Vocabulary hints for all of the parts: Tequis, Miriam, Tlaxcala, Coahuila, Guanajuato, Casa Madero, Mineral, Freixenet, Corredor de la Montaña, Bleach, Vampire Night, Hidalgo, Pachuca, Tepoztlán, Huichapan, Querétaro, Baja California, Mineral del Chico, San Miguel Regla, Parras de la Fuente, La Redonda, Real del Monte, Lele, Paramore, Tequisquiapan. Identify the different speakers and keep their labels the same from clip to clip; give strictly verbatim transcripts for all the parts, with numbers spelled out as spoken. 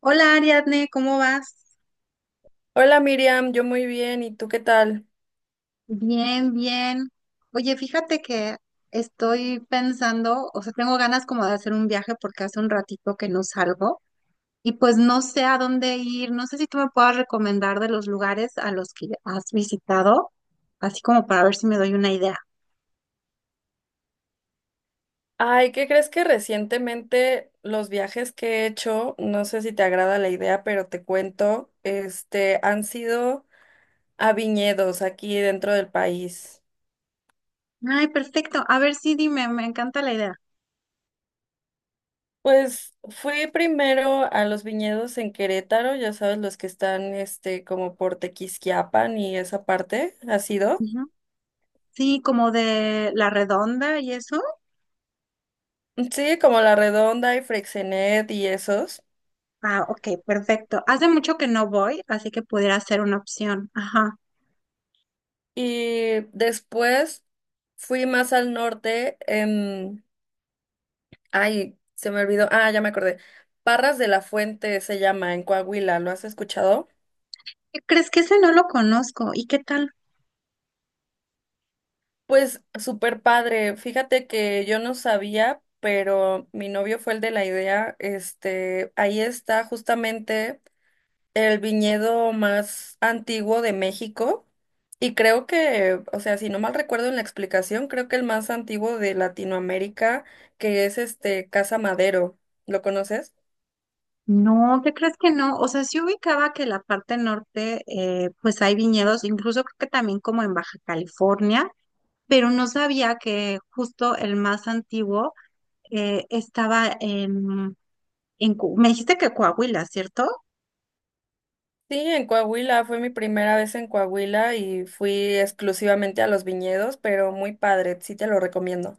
Speaker 1: Hola Ariadne, ¿cómo vas?
Speaker 2: Hola Miriam, yo muy bien, ¿y tú qué tal?
Speaker 1: Bien, bien. Oye, fíjate que estoy pensando, o sea, tengo ganas como de hacer un viaje porque hace un ratito que no salgo y pues no sé a dónde ir. No sé si tú me puedas recomendar de los lugares a los que has visitado, así como para ver si me doy una idea.
Speaker 2: Ay, ¿qué crees? Que recientemente los viajes que he hecho, no sé si te agrada la idea, pero te cuento, este, han sido a viñedos aquí dentro del país.
Speaker 1: Ay, perfecto. A ver, sí, dime, me encanta la idea.
Speaker 2: Pues fui primero a los viñedos en Querétaro, ya sabes, los que están, este, como por Tequisquiapan y esa parte, ¿has ido?
Speaker 1: Ujú. Sí, como de La Redonda y eso.
Speaker 2: Sí, como La Redonda y Freixenet y esos.
Speaker 1: Ah, ok, perfecto. Hace mucho que no voy, así que pudiera ser una opción. Ajá.
Speaker 2: Y después fui más al norte, em, ay, se me olvidó, ah, ya me acordé. Parras de la Fuente se llama en Coahuila, ¿lo has escuchado?
Speaker 1: ¿Qué crees? Que ese no lo conozco. ¿Y qué tal?
Speaker 2: Pues súper padre. Fíjate que yo no sabía, pero mi novio fue el de la idea. Este, ahí está justamente el viñedo más antiguo de México y creo que, o sea, si no mal recuerdo en la explicación, creo que el más antiguo de Latinoamérica, que es este Casa Madero. ¿Lo conoces?
Speaker 1: No, ¿qué crees que no? O sea, sí ubicaba que la parte norte, eh, pues hay viñedos, incluso creo que también como en Baja California, pero no sabía que justo el más antiguo eh, estaba en, en... Cu- Me dijiste que Coahuila, ¿cierto?
Speaker 2: Sí, en Coahuila, fue mi primera vez en Coahuila y fui exclusivamente a los viñedos, pero muy padre, sí te lo recomiendo.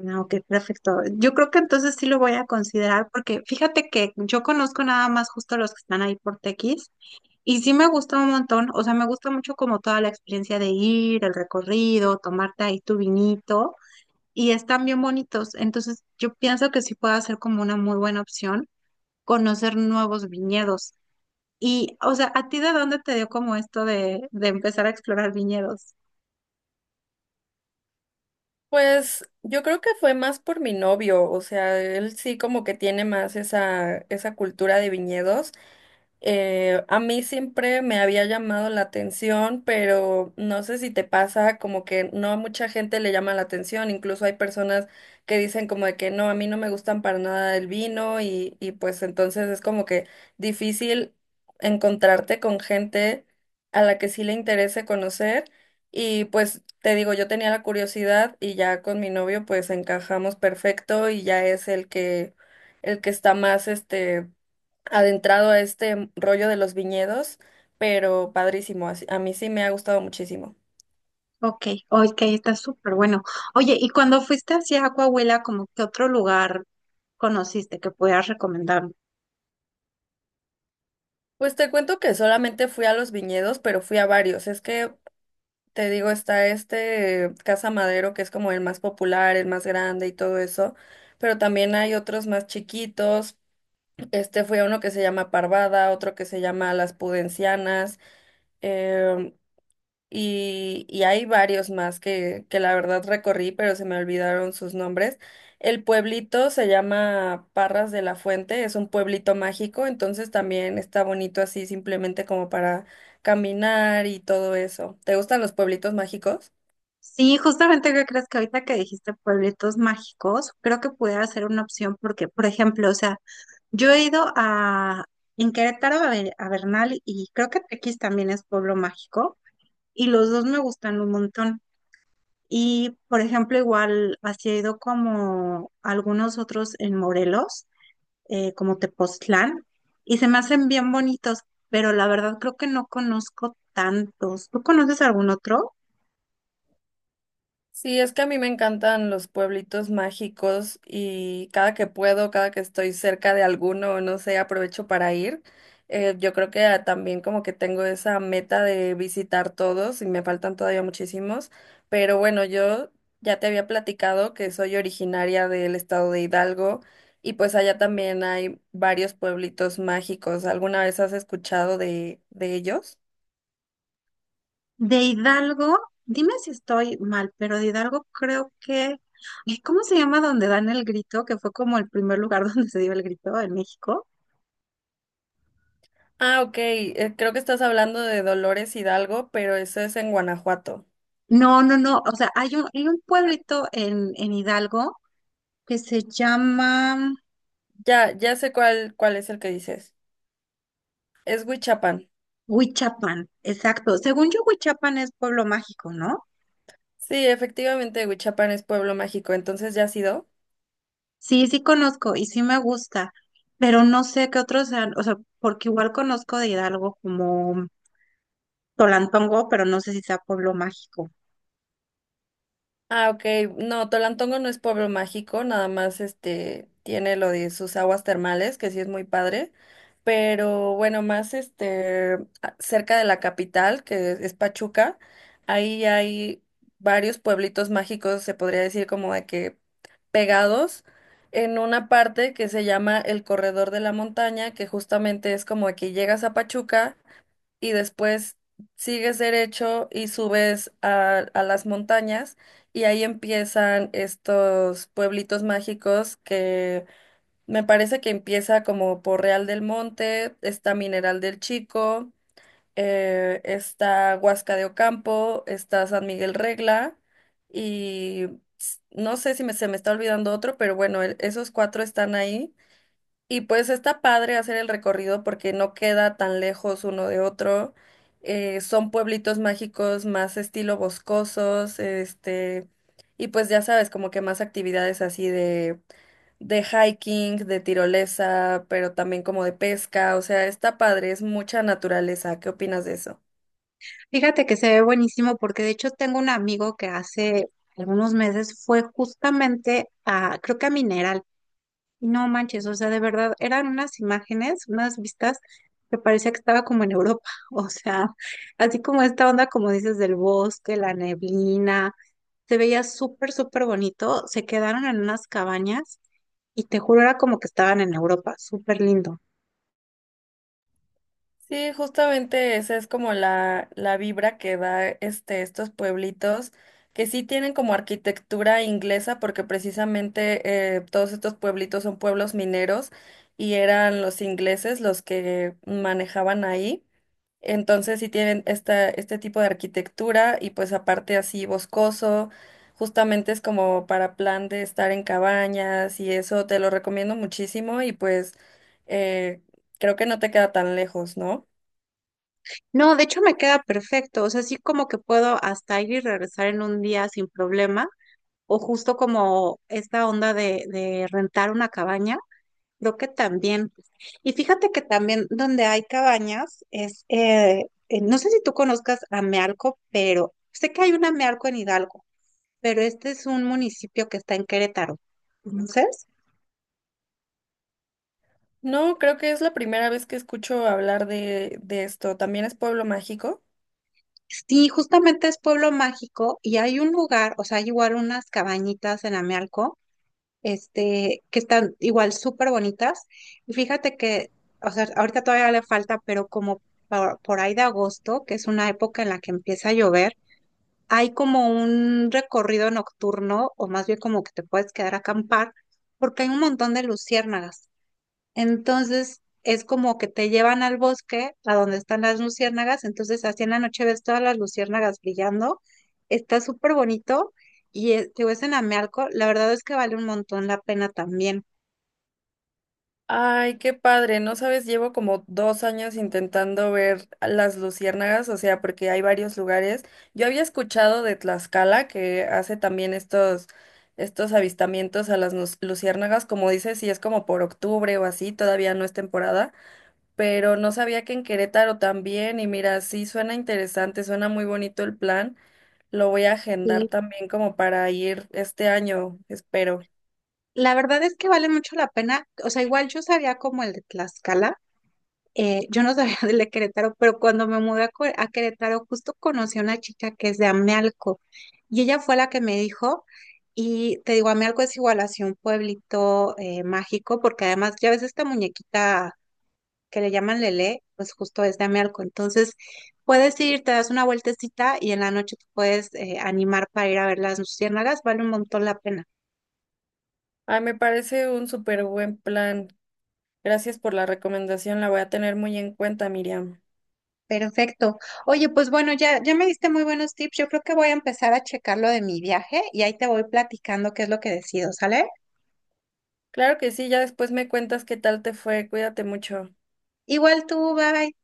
Speaker 1: No, ok, perfecto. Yo creo que entonces sí lo voy a considerar porque fíjate que yo conozco nada más justo los que están ahí por Tequis. Y sí me gustó un montón, o sea, me gusta mucho como toda la experiencia de ir, el recorrido, tomarte ahí tu vinito, y están bien bonitos. Entonces, yo pienso que sí puede ser como una muy buena opción conocer nuevos viñedos. Y, o sea, ¿a ti de dónde te dio como esto de, de empezar a explorar viñedos?
Speaker 2: Pues yo creo que fue más por mi novio, o sea, él sí como que tiene más esa, esa cultura de viñedos. Eh, a mí siempre me había llamado la atención, pero no sé si te pasa, como que no a mucha gente le llama la atención, incluso hay personas que dicen como de que no, a mí no me gustan para nada el vino y, y pues entonces es como que difícil encontrarte con gente a la que sí le interese conocer y pues te digo, yo tenía la curiosidad y ya con mi novio pues encajamos perfecto y ya es el que el que está más este adentrado a este rollo de los viñedos, pero padrísimo, así- a mí sí me ha gustado muchísimo.
Speaker 1: Ok, ok, está súper bueno. Oye, ¿y cuando fuiste hacia Coahuila, como qué otro lugar conociste que pudieras recomendar?
Speaker 2: Pues te cuento que solamente fui a los viñedos, pero fui a varios. Es que te digo, está este Casa Madero, que es como el más popular, el más grande y todo eso, pero también hay otros más chiquitos. Este, fui a uno que se llama Parvada, otro que se llama Las Pudencianas. em, y, y hay varios más que, que la verdad recorrí, pero se me olvidaron sus nombres. El pueblito se llama Parras de la Fuente, es un pueblito mágico, entonces también está bonito así simplemente como para caminar y todo eso. ¿Te gustan los pueblitos mágicos?
Speaker 1: Sí, justamente que crees que ahorita que dijiste pueblitos mágicos, creo que pudiera ser una opción porque, por ejemplo, o sea, yo he ido a en Querétaro a, Be- a Bernal y creo que Tequis también es pueblo mágico y los dos me gustan un montón. Y, por ejemplo, igual así he ido como a algunos otros en Morelos, eh, como Tepoztlán, y se me hacen bien bonitos, pero la verdad creo que no conozco tantos. ¿Tú conoces algún otro?
Speaker 2: Sí, es que a mí me encantan los pueblitos mágicos y cada que puedo, cada que estoy cerca de alguno, no sé, aprovecho para ir. Eh, yo creo que ah, también como que tengo esa meta de visitar todos y me faltan todavía muchísimos, pero bueno, yo ya te había platicado que soy originaria del estado de Hidalgo y pues allá también hay varios pueblitos mágicos. ¿Alguna vez has escuchado de, de ellos?
Speaker 1: De Hidalgo, dime si estoy mal, pero de Hidalgo creo que... ay, ¿cómo se llama donde dan el grito? Que fue como el primer lugar donde se dio el grito en México.
Speaker 2: Ah, ok. Eh, creo que estás hablando de Dolores Hidalgo, pero eso es en Guanajuato.
Speaker 1: No, no, no. O sea, hay un, hay un pueblito en, en Hidalgo que se llama
Speaker 2: Ya, ya sé cuál, cuál es el que dices. Es Huichapan.
Speaker 1: Huichapan. Exacto. Según yo, Huichapan es pueblo mágico, ¿no?
Speaker 2: Sí, efectivamente, Huichapan es pueblo mágico. Entonces, ¿ya has ido?
Speaker 1: Sí, sí conozco y sí me gusta, pero no sé qué otros sean. O sea, porque igual conozco de Hidalgo como Tolantongo, pero no sé si sea pueblo mágico.
Speaker 2: Ah, ok. No, Tolantongo no es pueblo mágico, nada más este tiene lo de sus aguas termales, que sí es muy padre. Pero bueno, más este a- cerca de la capital, que es Pachuca, ahí hay varios pueblitos mágicos, se podría decir como de que pegados en una parte que se llama el Corredor de la Montaña, que justamente es como de que llegas a Pachuca y después sigues derecho y subes a, a las montañas y ahí empiezan estos pueblitos mágicos que me parece que empieza como por Real del Monte, está Mineral del Chico, eh, está Huasca de Ocampo, está San Miguel Regla y s- no sé si me- se me está olvidando otro, pero bueno, el- esos cuatro están ahí. Y pues está padre hacer el recorrido porque no queda tan lejos uno de otro. Eh, son pueblitos mágicos más estilo boscosos, este, y pues ya sabes, como que más actividades así de, de hiking, de tirolesa, pero también como de pesca. O sea, está padre, es mucha naturaleza. ¿Qué opinas de eso?
Speaker 1: Fíjate que se ve buenísimo porque de hecho tengo un amigo que hace algunos meses fue justamente a, creo que a Mineral, y no manches, o sea, de verdad, eran unas imágenes, unas vistas que parecía que estaba como en Europa, o sea, así como esta onda, como dices, del bosque, la neblina, se veía súper, súper bonito, se quedaron en unas cabañas y te juro era como que estaban en Europa, súper lindo.
Speaker 2: Sí, justamente esa es como la, la vibra que da este, estos pueblitos, que sí tienen como arquitectura inglesa, porque precisamente eh, todos estos pueblitos son pueblos mineros y eran los ingleses los que manejaban ahí. Entonces sí tienen esta, este tipo de arquitectura y pues aparte así boscoso, justamente es como para plan de estar en cabañas y eso te lo recomiendo muchísimo y pues eh, creo que no te queda tan lejos, ¿no?
Speaker 1: No, de hecho me queda perfecto, o sea, sí como que puedo hasta ir y regresar en un día sin problema o justo como esta onda de, de rentar una cabaña, creo que también. Y fíjate que también donde hay cabañas es, eh, eh, no sé si tú conozcas Amealco, pero sé que hay una Amealco en Hidalgo, pero este es un municipio que está en Querétaro. Entonces,
Speaker 2: No, creo que es la primera vez que escucho hablar de, de esto. ¿También es Pueblo Mágico?
Speaker 1: sí, justamente es pueblo mágico y hay un lugar, o sea, hay igual unas cabañitas en Amealco este, que están igual súper bonitas. Y fíjate que, o sea, ahorita todavía le falta, pero como por, por ahí de agosto, que es una época en la que empieza a llover, hay como un recorrido nocturno, o más bien como que te puedes quedar a acampar, porque hay un montón de luciérnagas. Entonces es como que te llevan al bosque, a donde están las luciérnagas, entonces así en la noche ves todas las luciérnagas brillando, está súper bonito y eh, te ves en Amealco, la verdad es que vale un montón la pena también.
Speaker 2: Ay, qué padre. No sabes, llevo como dos años intentando ver las luciérnagas, o sea, porque hay varios lugares. Yo había escuchado de Tlaxcala, que hace también estos, estos avistamientos a las nus- luciérnagas, como dices, si es como por octubre o así, todavía no es temporada, pero no sabía que en Querétaro también, y mira, sí suena interesante, suena muy bonito el plan. Lo voy a agendar
Speaker 1: Sí,
Speaker 2: también como para ir este año, espero.
Speaker 1: la verdad es que vale mucho la pena, o sea, igual yo sabía como el de Tlaxcala, eh, yo no sabía del de Querétaro, pero cuando me mudé a, Cue- a Querétaro, justo conocí a una chica que es de Amealco y ella fue la que me dijo, y te digo, Amealco es igual así un pueblito eh, mágico, porque además ya ves esta muñequita que le llaman Lele, pues justo es de Amealco, entonces puedes ir, te das una vueltecita y en la noche te puedes eh, animar para ir a ver las luciérnagas, vale un montón la pena.
Speaker 2: Ay, me parece un súper buen plan. Gracias por la recomendación, la voy a tener muy en cuenta, Miriam.
Speaker 1: Perfecto. Oye, pues bueno, ya, ya me diste muy buenos tips. Yo creo que voy a empezar a checar lo de mi viaje y ahí te voy platicando qué es lo que decido, ¿sale?
Speaker 2: Claro que sí, ya después me cuentas qué tal te fue, cuídate mucho.
Speaker 1: Igual tú, bye.